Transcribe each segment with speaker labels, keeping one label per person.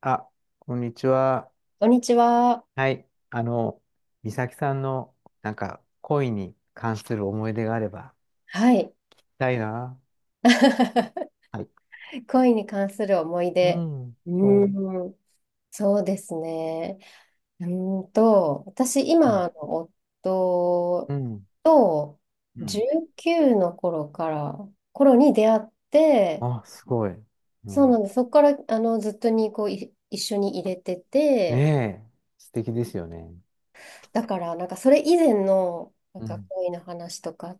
Speaker 1: あ、こんにちは。
Speaker 2: こんにちは。
Speaker 1: はい。あの、美咲さんの、なんか、恋に関する思い出があれば、
Speaker 2: はい。
Speaker 1: 聞きたいな。はい。
Speaker 2: 恋に関する思い
Speaker 1: う
Speaker 2: 出。
Speaker 1: ん、
Speaker 2: う
Speaker 1: そう。
Speaker 2: ーん、そうですね。私、
Speaker 1: うん、
Speaker 2: 今の
Speaker 1: う
Speaker 2: 夫
Speaker 1: ん、
Speaker 2: と
Speaker 1: うん。
Speaker 2: 19の頃から、頃に出会って、
Speaker 1: あ、すごい。う
Speaker 2: そうな
Speaker 1: ん。
Speaker 2: んです。そこから、ずっとに、こう、一緒に入れてて、
Speaker 1: ねえ、素敵ですよね。
Speaker 2: だから、なんか、それ以前の、なん
Speaker 1: う
Speaker 2: か、
Speaker 1: ん、
Speaker 2: 恋の話とか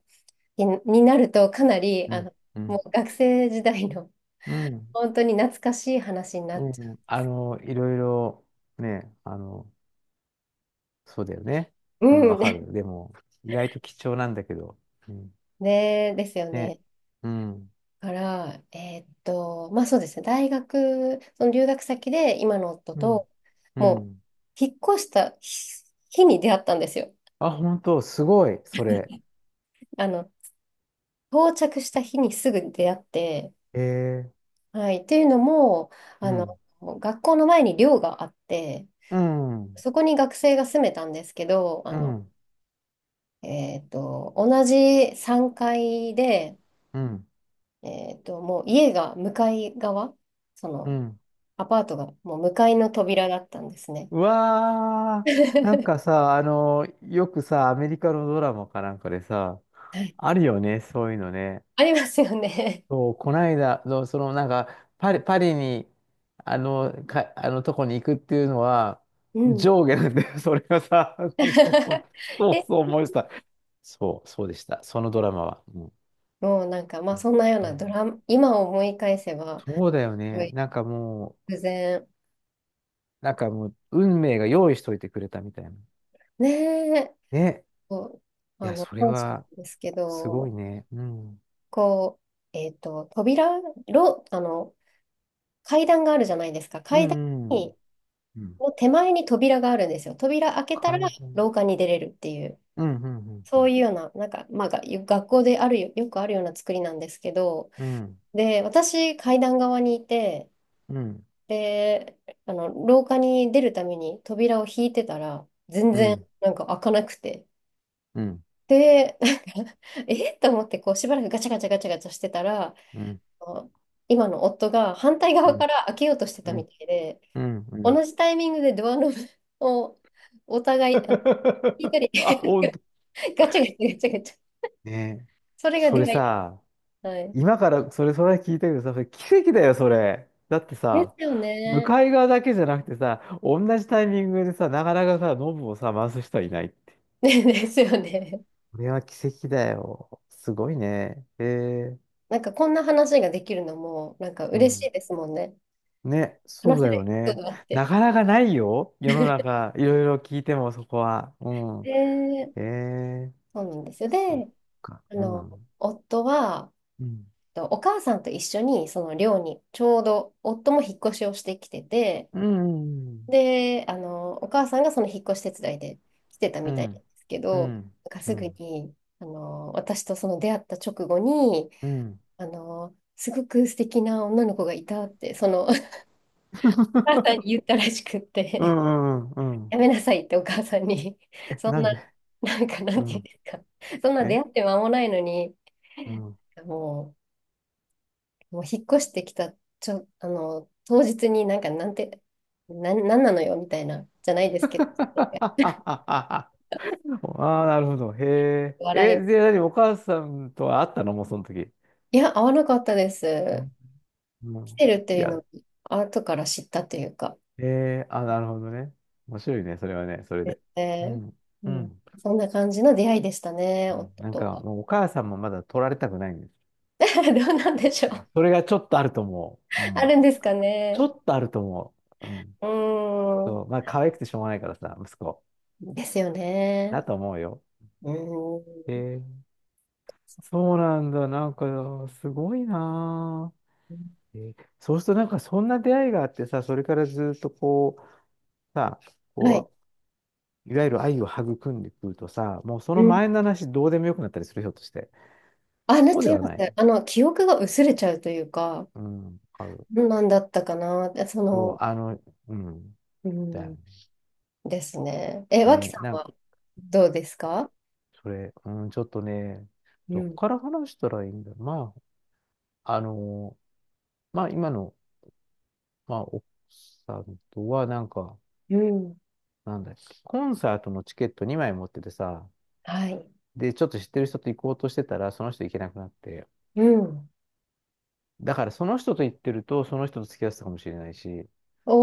Speaker 2: になると、かなり、
Speaker 1: うん、う
Speaker 2: も
Speaker 1: ん、
Speaker 2: う学生時代の
Speaker 1: うん、
Speaker 2: 本当に懐かしい話になっ
Speaker 1: う
Speaker 2: ちゃ
Speaker 1: ん。あの、いろいろ、ね、あの、そうだよね。
Speaker 2: う。
Speaker 1: うん、
Speaker 2: う
Speaker 1: わ
Speaker 2: ん。
Speaker 1: か る。でも、意外と貴重なんだけど。うん、
Speaker 2: ね、ですよ
Speaker 1: ね。
Speaker 2: ね。
Speaker 1: うん、
Speaker 2: だから、まあそうですね。大学、その留学先で今の夫
Speaker 1: うん、
Speaker 2: と、
Speaker 1: う
Speaker 2: もう、
Speaker 1: ん。
Speaker 2: 引っ越した日に出会ったんですよ。
Speaker 1: あ、本当、すごい、それ。
Speaker 2: あの、到着した日にすぐ出会って、
Speaker 1: ええ
Speaker 2: はい。っていうのも、
Speaker 1: う
Speaker 2: あの、
Speaker 1: ん、
Speaker 2: 学校の前に寮があって、
Speaker 1: うん、うん、
Speaker 2: そこに学生が住めたんですけど、
Speaker 1: う
Speaker 2: 同じ3階で、
Speaker 1: ん、
Speaker 2: もう家が向かい側、そ
Speaker 1: う
Speaker 2: の
Speaker 1: ん。
Speaker 2: アパートがもう向かいの扉だったんですね。
Speaker 1: う わー、なん
Speaker 2: は
Speaker 1: かさ、あの、よくさ、アメリカのドラマかなんかでさ、
Speaker 2: い。
Speaker 1: あるよね、そういうのね。
Speaker 2: ありますよね。
Speaker 1: そう、こないだ、のその、なんか、パリに、あの、か、あのとこに行くっていうのは、
Speaker 2: うん。
Speaker 1: 上下なんだよ、それがさ、そう
Speaker 2: え、
Speaker 1: そう思いました。そう、そうでした、そのドラマは。うん
Speaker 2: もうなんか、まあそんなよう
Speaker 1: う
Speaker 2: なド
Speaker 1: ん
Speaker 2: ラマ、今思い返せば、
Speaker 1: そうだよ
Speaker 2: すご
Speaker 1: ね。
Speaker 2: い
Speaker 1: なんかもう、
Speaker 2: 偶然、
Speaker 1: なんかもう、運命が用意しといてくれたみたいな。
Speaker 2: ねえ、
Speaker 1: ね。
Speaker 2: こう、
Speaker 1: いや、それ
Speaker 2: 感謝なん
Speaker 1: は、
Speaker 2: ですけ
Speaker 1: すごい
Speaker 2: ど、
Speaker 1: ね。うん。
Speaker 2: こう、えっと、扉、ろ、あの、階段があるじゃないですか。
Speaker 1: う
Speaker 2: 階段
Speaker 1: ん、うん。
Speaker 2: に、
Speaker 1: うん。
Speaker 2: の手前に扉があるんですよ。扉開けたら
Speaker 1: 解放。
Speaker 2: 廊下に出れるっていう。
Speaker 1: うん、うん、う
Speaker 2: そう
Speaker 1: ん、
Speaker 2: いうような、なんか、まあ、が学校であるよ、よくあるような作りなんですけど、
Speaker 1: うん。
Speaker 2: で、私、階段側にいて、
Speaker 1: うん、
Speaker 2: で、廊下に出るために扉を引いてたら、全
Speaker 1: う
Speaker 2: 然、
Speaker 1: ん、
Speaker 2: なんか開かなくて。
Speaker 1: うん、
Speaker 2: で、んか えっと思って、こう、しばらくガチャガチャガチャガチャしてたら、
Speaker 1: うん、
Speaker 2: あの今の夫が反対
Speaker 1: う
Speaker 2: 側
Speaker 1: ん、
Speaker 2: から開けようとして
Speaker 1: う
Speaker 2: た
Speaker 1: ん、
Speaker 2: みたいで、
Speaker 1: うん。
Speaker 2: 同じタイミングでドアノブをお互い、引い たり
Speaker 1: あ、ほんと。
Speaker 2: ガチャガチャガチャガチャ、
Speaker 1: ね。
Speaker 2: それが
Speaker 1: そ
Speaker 2: 出
Speaker 1: れ
Speaker 2: 会い
Speaker 1: さ、
Speaker 2: だ。はい
Speaker 1: 今からそれ、それ聞いたけどさ、それ奇跡だよ、それ。だって
Speaker 2: で
Speaker 1: さ、
Speaker 2: すよ
Speaker 1: 向
Speaker 2: ね。
Speaker 1: かい側だけじゃなくてさ、同じタイミングでさ、なかなかさ、ノブをさ、回す人はいない。
Speaker 2: ねですよね。
Speaker 1: これは奇跡だよ。すごいね。ええ
Speaker 2: なんかこんな話ができるのも、なんか
Speaker 1: う
Speaker 2: 嬉し
Speaker 1: ん。
Speaker 2: いですもんね。
Speaker 1: ね、そ
Speaker 2: 話
Speaker 1: う
Speaker 2: せ
Speaker 1: だ
Speaker 2: るエ
Speaker 1: よ
Speaker 2: ピソー
Speaker 1: ね。
Speaker 2: ドがあって。
Speaker 1: なかなかないよ。世の中、いろいろ聞いてもそこは。うん。
Speaker 2: で、
Speaker 1: ええ
Speaker 2: そうなんですよ。で、
Speaker 1: そっか。
Speaker 2: あ
Speaker 1: う
Speaker 2: の、
Speaker 1: ん。
Speaker 2: 夫は、
Speaker 1: うん。
Speaker 2: とお母さんと一緒に、その寮に、ちょうど夫も引っ越しをしてきてて、
Speaker 1: うん。
Speaker 2: で、お母さんがその引っ越し手伝いで来てた
Speaker 1: う
Speaker 2: みたいな
Speaker 1: ん。
Speaker 2: んですけ
Speaker 1: う
Speaker 2: ど、
Speaker 1: ん。
Speaker 2: なんか
Speaker 1: う
Speaker 2: すぐ
Speaker 1: ん。
Speaker 2: に、私とその出会った直後に、
Speaker 1: うん。
Speaker 2: すごく素敵な女の子がいたって、その母さ んに言ったらしくっ
Speaker 1: う
Speaker 2: て、
Speaker 1: ん。うん。う
Speaker 2: や
Speaker 1: ん
Speaker 2: めなさいってお母さんに、
Speaker 1: え、
Speaker 2: そん
Speaker 1: なん
Speaker 2: な、
Speaker 1: で
Speaker 2: なんか、な
Speaker 1: う
Speaker 2: んていうん
Speaker 1: ん。
Speaker 2: ですか、そんな出
Speaker 1: え
Speaker 2: 会って間もないのに、
Speaker 1: うん。
Speaker 2: ももう引っ越してきた、ちょ、あの、当日になんか、なんなのよ、みたいな、じゃないですけど、
Speaker 1: ああ、なるほど。へえ。え、で、
Speaker 2: 笑
Speaker 1: 何お母さんとは会ったのもうその時。
Speaker 2: い。いや、会わなかったです。
Speaker 1: う
Speaker 2: 来
Speaker 1: ん。
Speaker 2: てるって
Speaker 1: い
Speaker 2: いうの
Speaker 1: や、
Speaker 2: を、後から知ったというか、
Speaker 1: えー、あ、なるほどね。面白いね、それはね、それ
Speaker 2: です
Speaker 1: で。う
Speaker 2: ね。
Speaker 1: ん。
Speaker 2: う
Speaker 1: う
Speaker 2: ん、
Speaker 1: ん。
Speaker 2: そんな感じの出会いでしたね、
Speaker 1: うん
Speaker 2: 夫
Speaker 1: なん
Speaker 2: と
Speaker 1: か、
Speaker 2: は。
Speaker 1: もうお母さんもまだ取られたくないんです。
Speaker 2: どうなんでしょう。
Speaker 1: それがちょっとあると思う。う
Speaker 2: あ
Speaker 1: ん。
Speaker 2: るんですか
Speaker 1: ちょ
Speaker 2: ね。
Speaker 1: っとあると思う。うん。
Speaker 2: うー
Speaker 1: そう。
Speaker 2: ん。
Speaker 1: まあ、可愛くてしょうがないからさ、息子。
Speaker 2: ですよね。
Speaker 1: だと思うよ。
Speaker 2: うー
Speaker 1: えー、そうなんだ。なんか、すごいな
Speaker 2: ん。
Speaker 1: ぁ。えーそうすると、なんか、そんな出会いがあってさ、それからずっとこう、さ、
Speaker 2: はい。
Speaker 1: こう、いわゆる愛を育んでくるとさ、もうそ
Speaker 2: う
Speaker 1: の
Speaker 2: ん。
Speaker 1: 前の話どうでもよくなったりする、ひょっとして。
Speaker 2: あ、なっ
Speaker 1: そうで
Speaker 2: ちゃい
Speaker 1: は
Speaker 2: ます
Speaker 1: ない。
Speaker 2: ね。記憶が薄れちゃうというか、
Speaker 1: うん、わかる。
Speaker 2: どんなんだったかな。でそ
Speaker 1: そう、
Speaker 2: の、
Speaker 1: あの、うん、
Speaker 2: う
Speaker 1: だよ
Speaker 2: ん。ですね。え、脇
Speaker 1: ね。
Speaker 2: さん
Speaker 1: なんか、
Speaker 2: はどうですか。
Speaker 1: それ、うん、ちょっとね、
Speaker 2: う
Speaker 1: どこ
Speaker 2: ん。
Speaker 1: から話したらいいんだろう。まあ、あの、まあ、今の、まあ、奥さんとは、なんか、
Speaker 2: うん。
Speaker 1: なんだっけ、コンサートのチケット2枚持っててさ、
Speaker 2: はい。
Speaker 1: で、ちょっと知ってる人と行こうとしてたら、その人行けなくなって、
Speaker 2: うん。
Speaker 1: だから、その人と行ってると、その人と付き合ってたかもしれないし、
Speaker 2: お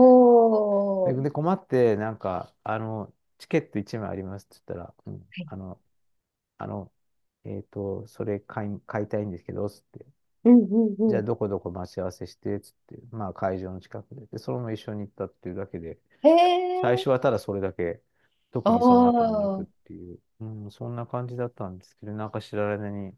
Speaker 1: で、
Speaker 2: ー。
Speaker 1: で困って、なんか、あの、チケット1枚ありますって言ったら、うん、あの、あの、それ買いたいんですけど、つって。
Speaker 2: うんうんう
Speaker 1: じゃ
Speaker 2: ん。
Speaker 1: あ、どこどこ待ち合わせして、つって。まあ、会場の近くで。で、そのまま一緒に行ったっていうだけで、
Speaker 2: へ
Speaker 1: 最
Speaker 2: え。
Speaker 1: 初はただそれだけ、特にその後もな
Speaker 2: お
Speaker 1: くっ
Speaker 2: ー。
Speaker 1: ていう、うん、そんな感じだったんですけど、なんか知られ間に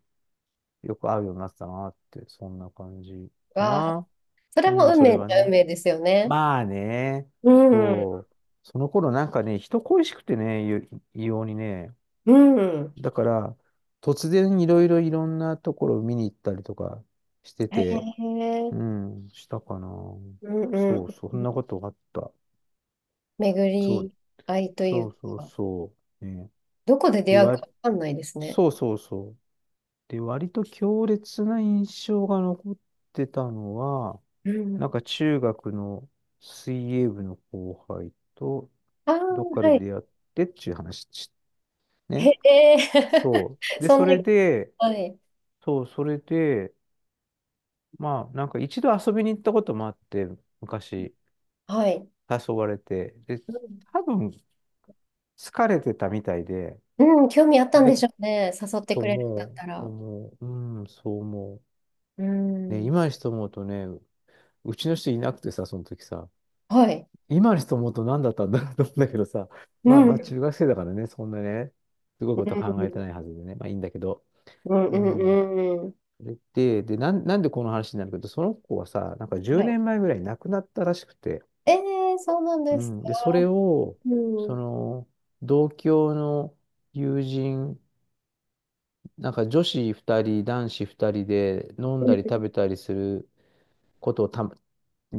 Speaker 1: よく会うようになってたなって、そんな感じか
Speaker 2: わあ。
Speaker 1: な。
Speaker 2: それ
Speaker 1: う
Speaker 2: も
Speaker 1: ん、
Speaker 2: 運
Speaker 1: それ
Speaker 2: 命っ
Speaker 1: は
Speaker 2: ちゃ運
Speaker 1: ね。
Speaker 2: 命ですよね。
Speaker 1: まあね、
Speaker 2: うん。
Speaker 1: そう。その頃なんかね、人恋しくてね、異様にね、
Speaker 2: うん。
Speaker 1: だから、突然いろいろいろんなところを見に行ったりとかして
Speaker 2: へ
Speaker 1: て、
Speaker 2: え。
Speaker 1: うん、したかな。
Speaker 2: うんう
Speaker 1: そう
Speaker 2: ん、
Speaker 1: そう、そんなことがあった。
Speaker 2: 巡
Speaker 1: そう、
Speaker 2: り合いとい
Speaker 1: そう
Speaker 2: う
Speaker 1: そう
Speaker 2: か、
Speaker 1: そう。ね。
Speaker 2: どこで出
Speaker 1: で、
Speaker 2: 会うか
Speaker 1: 割、
Speaker 2: わかんないですね。
Speaker 1: そうそうそう。で、割と強烈な印象が残ってたのは、
Speaker 2: う
Speaker 1: なん
Speaker 2: ん。
Speaker 1: か中学の水泳部の後輩と、
Speaker 2: ああ、
Speaker 1: どっかで
Speaker 2: はい。
Speaker 1: 出会ってっていう話
Speaker 2: へ
Speaker 1: ね。
Speaker 2: え、
Speaker 1: そ う。で、
Speaker 2: そ
Speaker 1: そ
Speaker 2: んな、
Speaker 1: れで、
Speaker 2: はい。
Speaker 1: そう、それで、まあ、なんか一度遊びに行ったこともあって、昔
Speaker 2: はい。
Speaker 1: 誘われて、で、多分疲れてたみたいで、
Speaker 2: うん、うん、興味あったん
Speaker 1: で、
Speaker 2: でしょうね。誘って
Speaker 1: と
Speaker 2: くれるん
Speaker 1: 思
Speaker 2: だっ
Speaker 1: う、
Speaker 2: たら。
Speaker 1: 思う、うん、そう思
Speaker 2: う
Speaker 1: う。ね、
Speaker 2: ん。
Speaker 1: 今にして思うとね、うちの人いなくてさ、その時さ、
Speaker 2: はい。
Speaker 1: 今にして思うと何だったんだろうと思うんだけどさ、
Speaker 2: う
Speaker 1: まあまあ
Speaker 2: ん。
Speaker 1: 中学生だからね、そんなね、すごい
Speaker 2: う
Speaker 1: こと考えて
Speaker 2: ん。
Speaker 1: ないはずでね、まあいいんだけど、
Speaker 2: うん。う
Speaker 1: うん。
Speaker 2: ん。うん、
Speaker 1: それで、なんでこの話になるけど、その子はさ、なんか
Speaker 2: は
Speaker 1: 10
Speaker 2: い。
Speaker 1: 年前ぐらい亡くなったらしくて、
Speaker 2: ええ、そうなん
Speaker 1: う
Speaker 2: ですか。
Speaker 1: ん、で、それを、
Speaker 2: うん。う
Speaker 1: そ
Speaker 2: ん。
Speaker 1: の、同郷の友人、なんか女子2人、男子2人で飲んだり食べたりすることをた、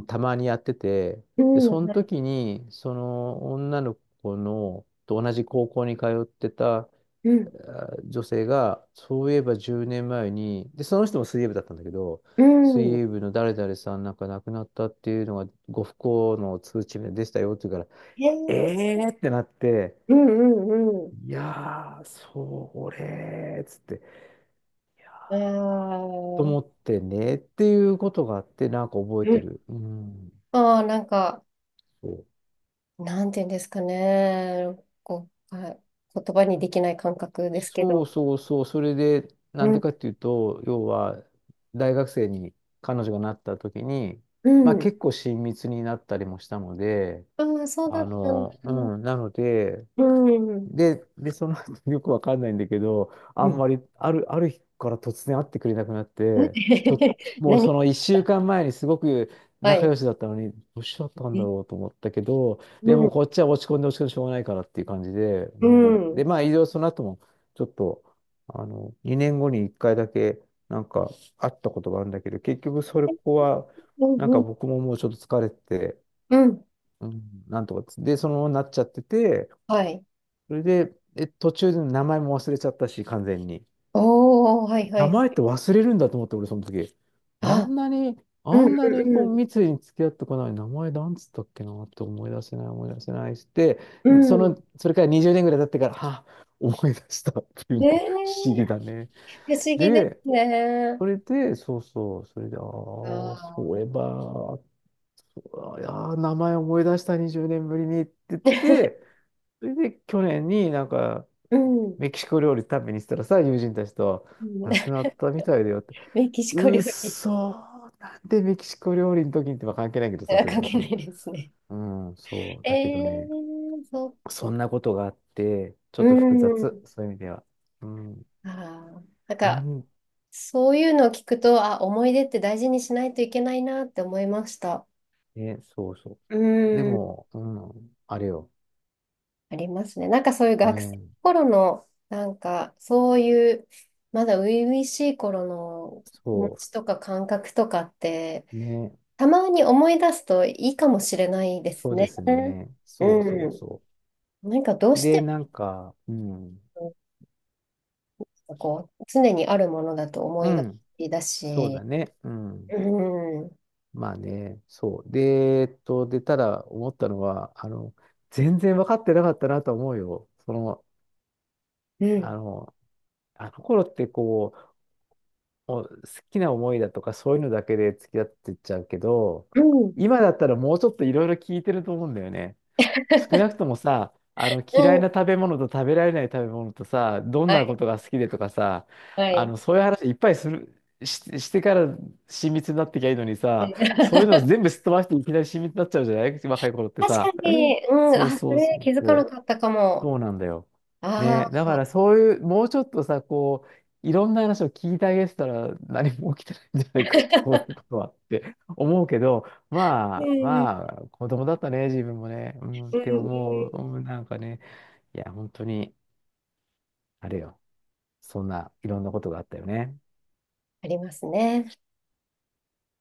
Speaker 1: たまにやってて、
Speaker 2: う
Speaker 1: で、そ
Speaker 2: ん。
Speaker 1: の
Speaker 2: はい。
Speaker 1: 時に、その女の子の、と同じ高校に通ってた
Speaker 2: うん。
Speaker 1: 女性が、そういえば10年前に、で、その人も水泳部だったんだけど、
Speaker 2: う
Speaker 1: 水
Speaker 2: ん。
Speaker 1: 泳部の誰々さんなんか亡くなったっていうのが、ご不幸の通知でしたよっていうから、
Speaker 2: へえ。
Speaker 1: ええーってなって、
Speaker 2: うん。うん。うん。
Speaker 1: いやー、それーっつって、いや
Speaker 2: あ
Speaker 1: ーと思っ
Speaker 2: あ。
Speaker 1: てねっていうことがあって、なんか覚え
Speaker 2: う
Speaker 1: て
Speaker 2: ん、
Speaker 1: る。うん。
Speaker 2: ああ、なんか、なんていうんですかね。こう、はい、言葉にできない感覚ですけ
Speaker 1: そ
Speaker 2: ど。
Speaker 1: うそうそうそう、それで、
Speaker 2: う
Speaker 1: なんで
Speaker 2: ん。
Speaker 1: かっていうと、要は、大学生に彼女がなった時に、
Speaker 2: う
Speaker 1: まあ
Speaker 2: ん。
Speaker 1: 結構親密になったりもしたので、
Speaker 2: ああ、そうだ
Speaker 1: あ
Speaker 2: ったん
Speaker 1: の、う
Speaker 2: だ。
Speaker 1: ん、なので、
Speaker 2: うん。
Speaker 1: で、その後 よくわかんないんだけど、あ
Speaker 2: う
Speaker 1: ん
Speaker 2: ん。
Speaker 1: まり、ある日から突然会ってくれなくなって、ちょっ、もう
Speaker 2: 何
Speaker 1: その1週間前にすごく
Speaker 2: は
Speaker 1: 仲
Speaker 2: い。
Speaker 1: 良しだったのに、どうしちゃったんだ
Speaker 2: え、
Speaker 1: ろうと思ったけど、
Speaker 2: う
Speaker 1: でも
Speaker 2: ん。
Speaker 1: こっちは落ち込んで落ち込んでしょうがないからっていう感じで、
Speaker 2: う
Speaker 1: うん。
Speaker 2: ん。う
Speaker 1: で、
Speaker 2: ん。
Speaker 1: まあ、いろいろその後も、ちょっと、あの、2年後に1回だけ、なんか、会ったことがあるんだけど、結局それここは、
Speaker 2: う
Speaker 1: なんか
Speaker 2: ん。
Speaker 1: 僕ももうちょっと疲れてて、
Speaker 2: うん、
Speaker 1: うん、なんとかつ、で、そのままなっちゃってて、
Speaker 2: はい。
Speaker 1: それで、え、途中で名前も忘れちゃったし、完全に。
Speaker 2: おー、はいは
Speaker 1: 名前っ
Speaker 2: い。
Speaker 1: て忘れるんだと思って、俺その時。あ
Speaker 2: あ、
Speaker 1: んなに、
Speaker 2: う
Speaker 1: あん
Speaker 2: ん。
Speaker 1: なに
Speaker 2: う
Speaker 1: こう
Speaker 2: ん。
Speaker 1: 密に付き合ってこない名前なんつったっけなって思い出せない、思い出せないして、
Speaker 2: うん。
Speaker 1: そ
Speaker 2: うん、
Speaker 1: の、それから20年ぐらい経ってから、あ、思い出したっていう
Speaker 2: ね
Speaker 1: ね、不思
Speaker 2: え、
Speaker 1: 議だね。
Speaker 2: 不思議で
Speaker 1: で、
Speaker 2: すね。
Speaker 1: それで、そうそう、それで、ああ、
Speaker 2: あ
Speaker 1: そう
Speaker 2: あ。
Speaker 1: いえば、あいやー、名前思い出した20年ぶりにって言って、それで去年になんか、
Speaker 2: うん。
Speaker 1: メキシコ料理食べに行ったらさ、友人たちと、
Speaker 2: うん
Speaker 1: 亡くな ったみたいだよって。
Speaker 2: メキシコ
Speaker 1: うっ
Speaker 2: 料理。
Speaker 1: そー、なんでメキシコ料理の時にってまあ関係ないけど さ、
Speaker 2: あ、
Speaker 1: それ
Speaker 2: 関
Speaker 1: は
Speaker 2: 係な
Speaker 1: さ。
Speaker 2: いですね。
Speaker 1: うん、そう。
Speaker 2: え
Speaker 1: だけどね、
Speaker 2: ー、そっ、
Speaker 1: そんなことがあって、ちょ
Speaker 2: う
Speaker 1: っと複雑、
Speaker 2: ん。
Speaker 1: そういう意味では。うん、
Speaker 2: あー、なん
Speaker 1: な
Speaker 2: か、
Speaker 1: ん、
Speaker 2: そういうのを聞くと、あ、思い出って大事にしないといけないなって思いました。
Speaker 1: ね、そうそ
Speaker 2: う
Speaker 1: う。で
Speaker 2: ん。
Speaker 1: も、うん、あれよ。
Speaker 2: ありますね。なんかそういう学生の
Speaker 1: ね、
Speaker 2: 頃の、なんか、そういう、まだ初々しい頃の気持
Speaker 1: そ
Speaker 2: ちとか感覚とかって、
Speaker 1: う、ね、
Speaker 2: たまに思い出すといいかもしれないで
Speaker 1: そ
Speaker 2: す
Speaker 1: うで
Speaker 2: ね。
Speaker 1: すね。そうそ
Speaker 2: う
Speaker 1: う
Speaker 2: ん。
Speaker 1: そ
Speaker 2: なんかどう
Speaker 1: う。
Speaker 2: し
Speaker 1: で、
Speaker 2: て
Speaker 1: なんか、うん、
Speaker 2: も、こう、常にあるものだと思
Speaker 1: う
Speaker 2: いが
Speaker 1: ん、
Speaker 2: ちだ
Speaker 1: そうだ
Speaker 2: し、
Speaker 1: ね。うん。
Speaker 2: うん。うん。
Speaker 1: まあね、そう。で、で、ただ思ったのは、あの、全然分かってなかったなと思うよ。その、あの、あの頃ってこう、もう好きな思いだとかそういうのだけで付き合ってっちゃうけど、
Speaker 2: うん。
Speaker 1: 今だったらもうちょっといろいろ聞いてると思うんだよね。少なくともさ、あの
Speaker 2: う
Speaker 1: 嫌い
Speaker 2: ん。
Speaker 1: な食べ物と食べられない食べ物とさ、どん
Speaker 2: は
Speaker 1: なこ
Speaker 2: い、
Speaker 1: とが好きでとかさ、
Speaker 2: は
Speaker 1: あ
Speaker 2: い。
Speaker 1: のそういう話いっぱいする、してから親密になってきゃいいのに
Speaker 2: うん
Speaker 1: さ、そういうのを 全部すっ飛ばしていきなり親密になっちゃうじゃない若い頃って
Speaker 2: 確か
Speaker 1: さ。
Speaker 2: に、うん、
Speaker 1: そう
Speaker 2: あ、そ
Speaker 1: そうそ
Speaker 2: れ
Speaker 1: う
Speaker 2: 気づか
Speaker 1: そ
Speaker 2: なか
Speaker 1: う。
Speaker 2: ったかも。
Speaker 1: そうなんだよ。ね、
Speaker 2: あ
Speaker 1: だか
Speaker 2: あ、
Speaker 1: らそういう、もうちょっとさ、こう、いろんな話を聞いてあげてたら何も起きてないんじゃないか、そういうことはって 思うけど、
Speaker 2: う
Speaker 1: まあ、
Speaker 2: ん、うん、
Speaker 1: まあ、子供だったね、自分もね、うん、っ
Speaker 2: う
Speaker 1: て
Speaker 2: ん、
Speaker 1: 思う、うん、なんかね、いや、本当に、あれよ、そんないろんなことがあったよね。
Speaker 2: ありますね。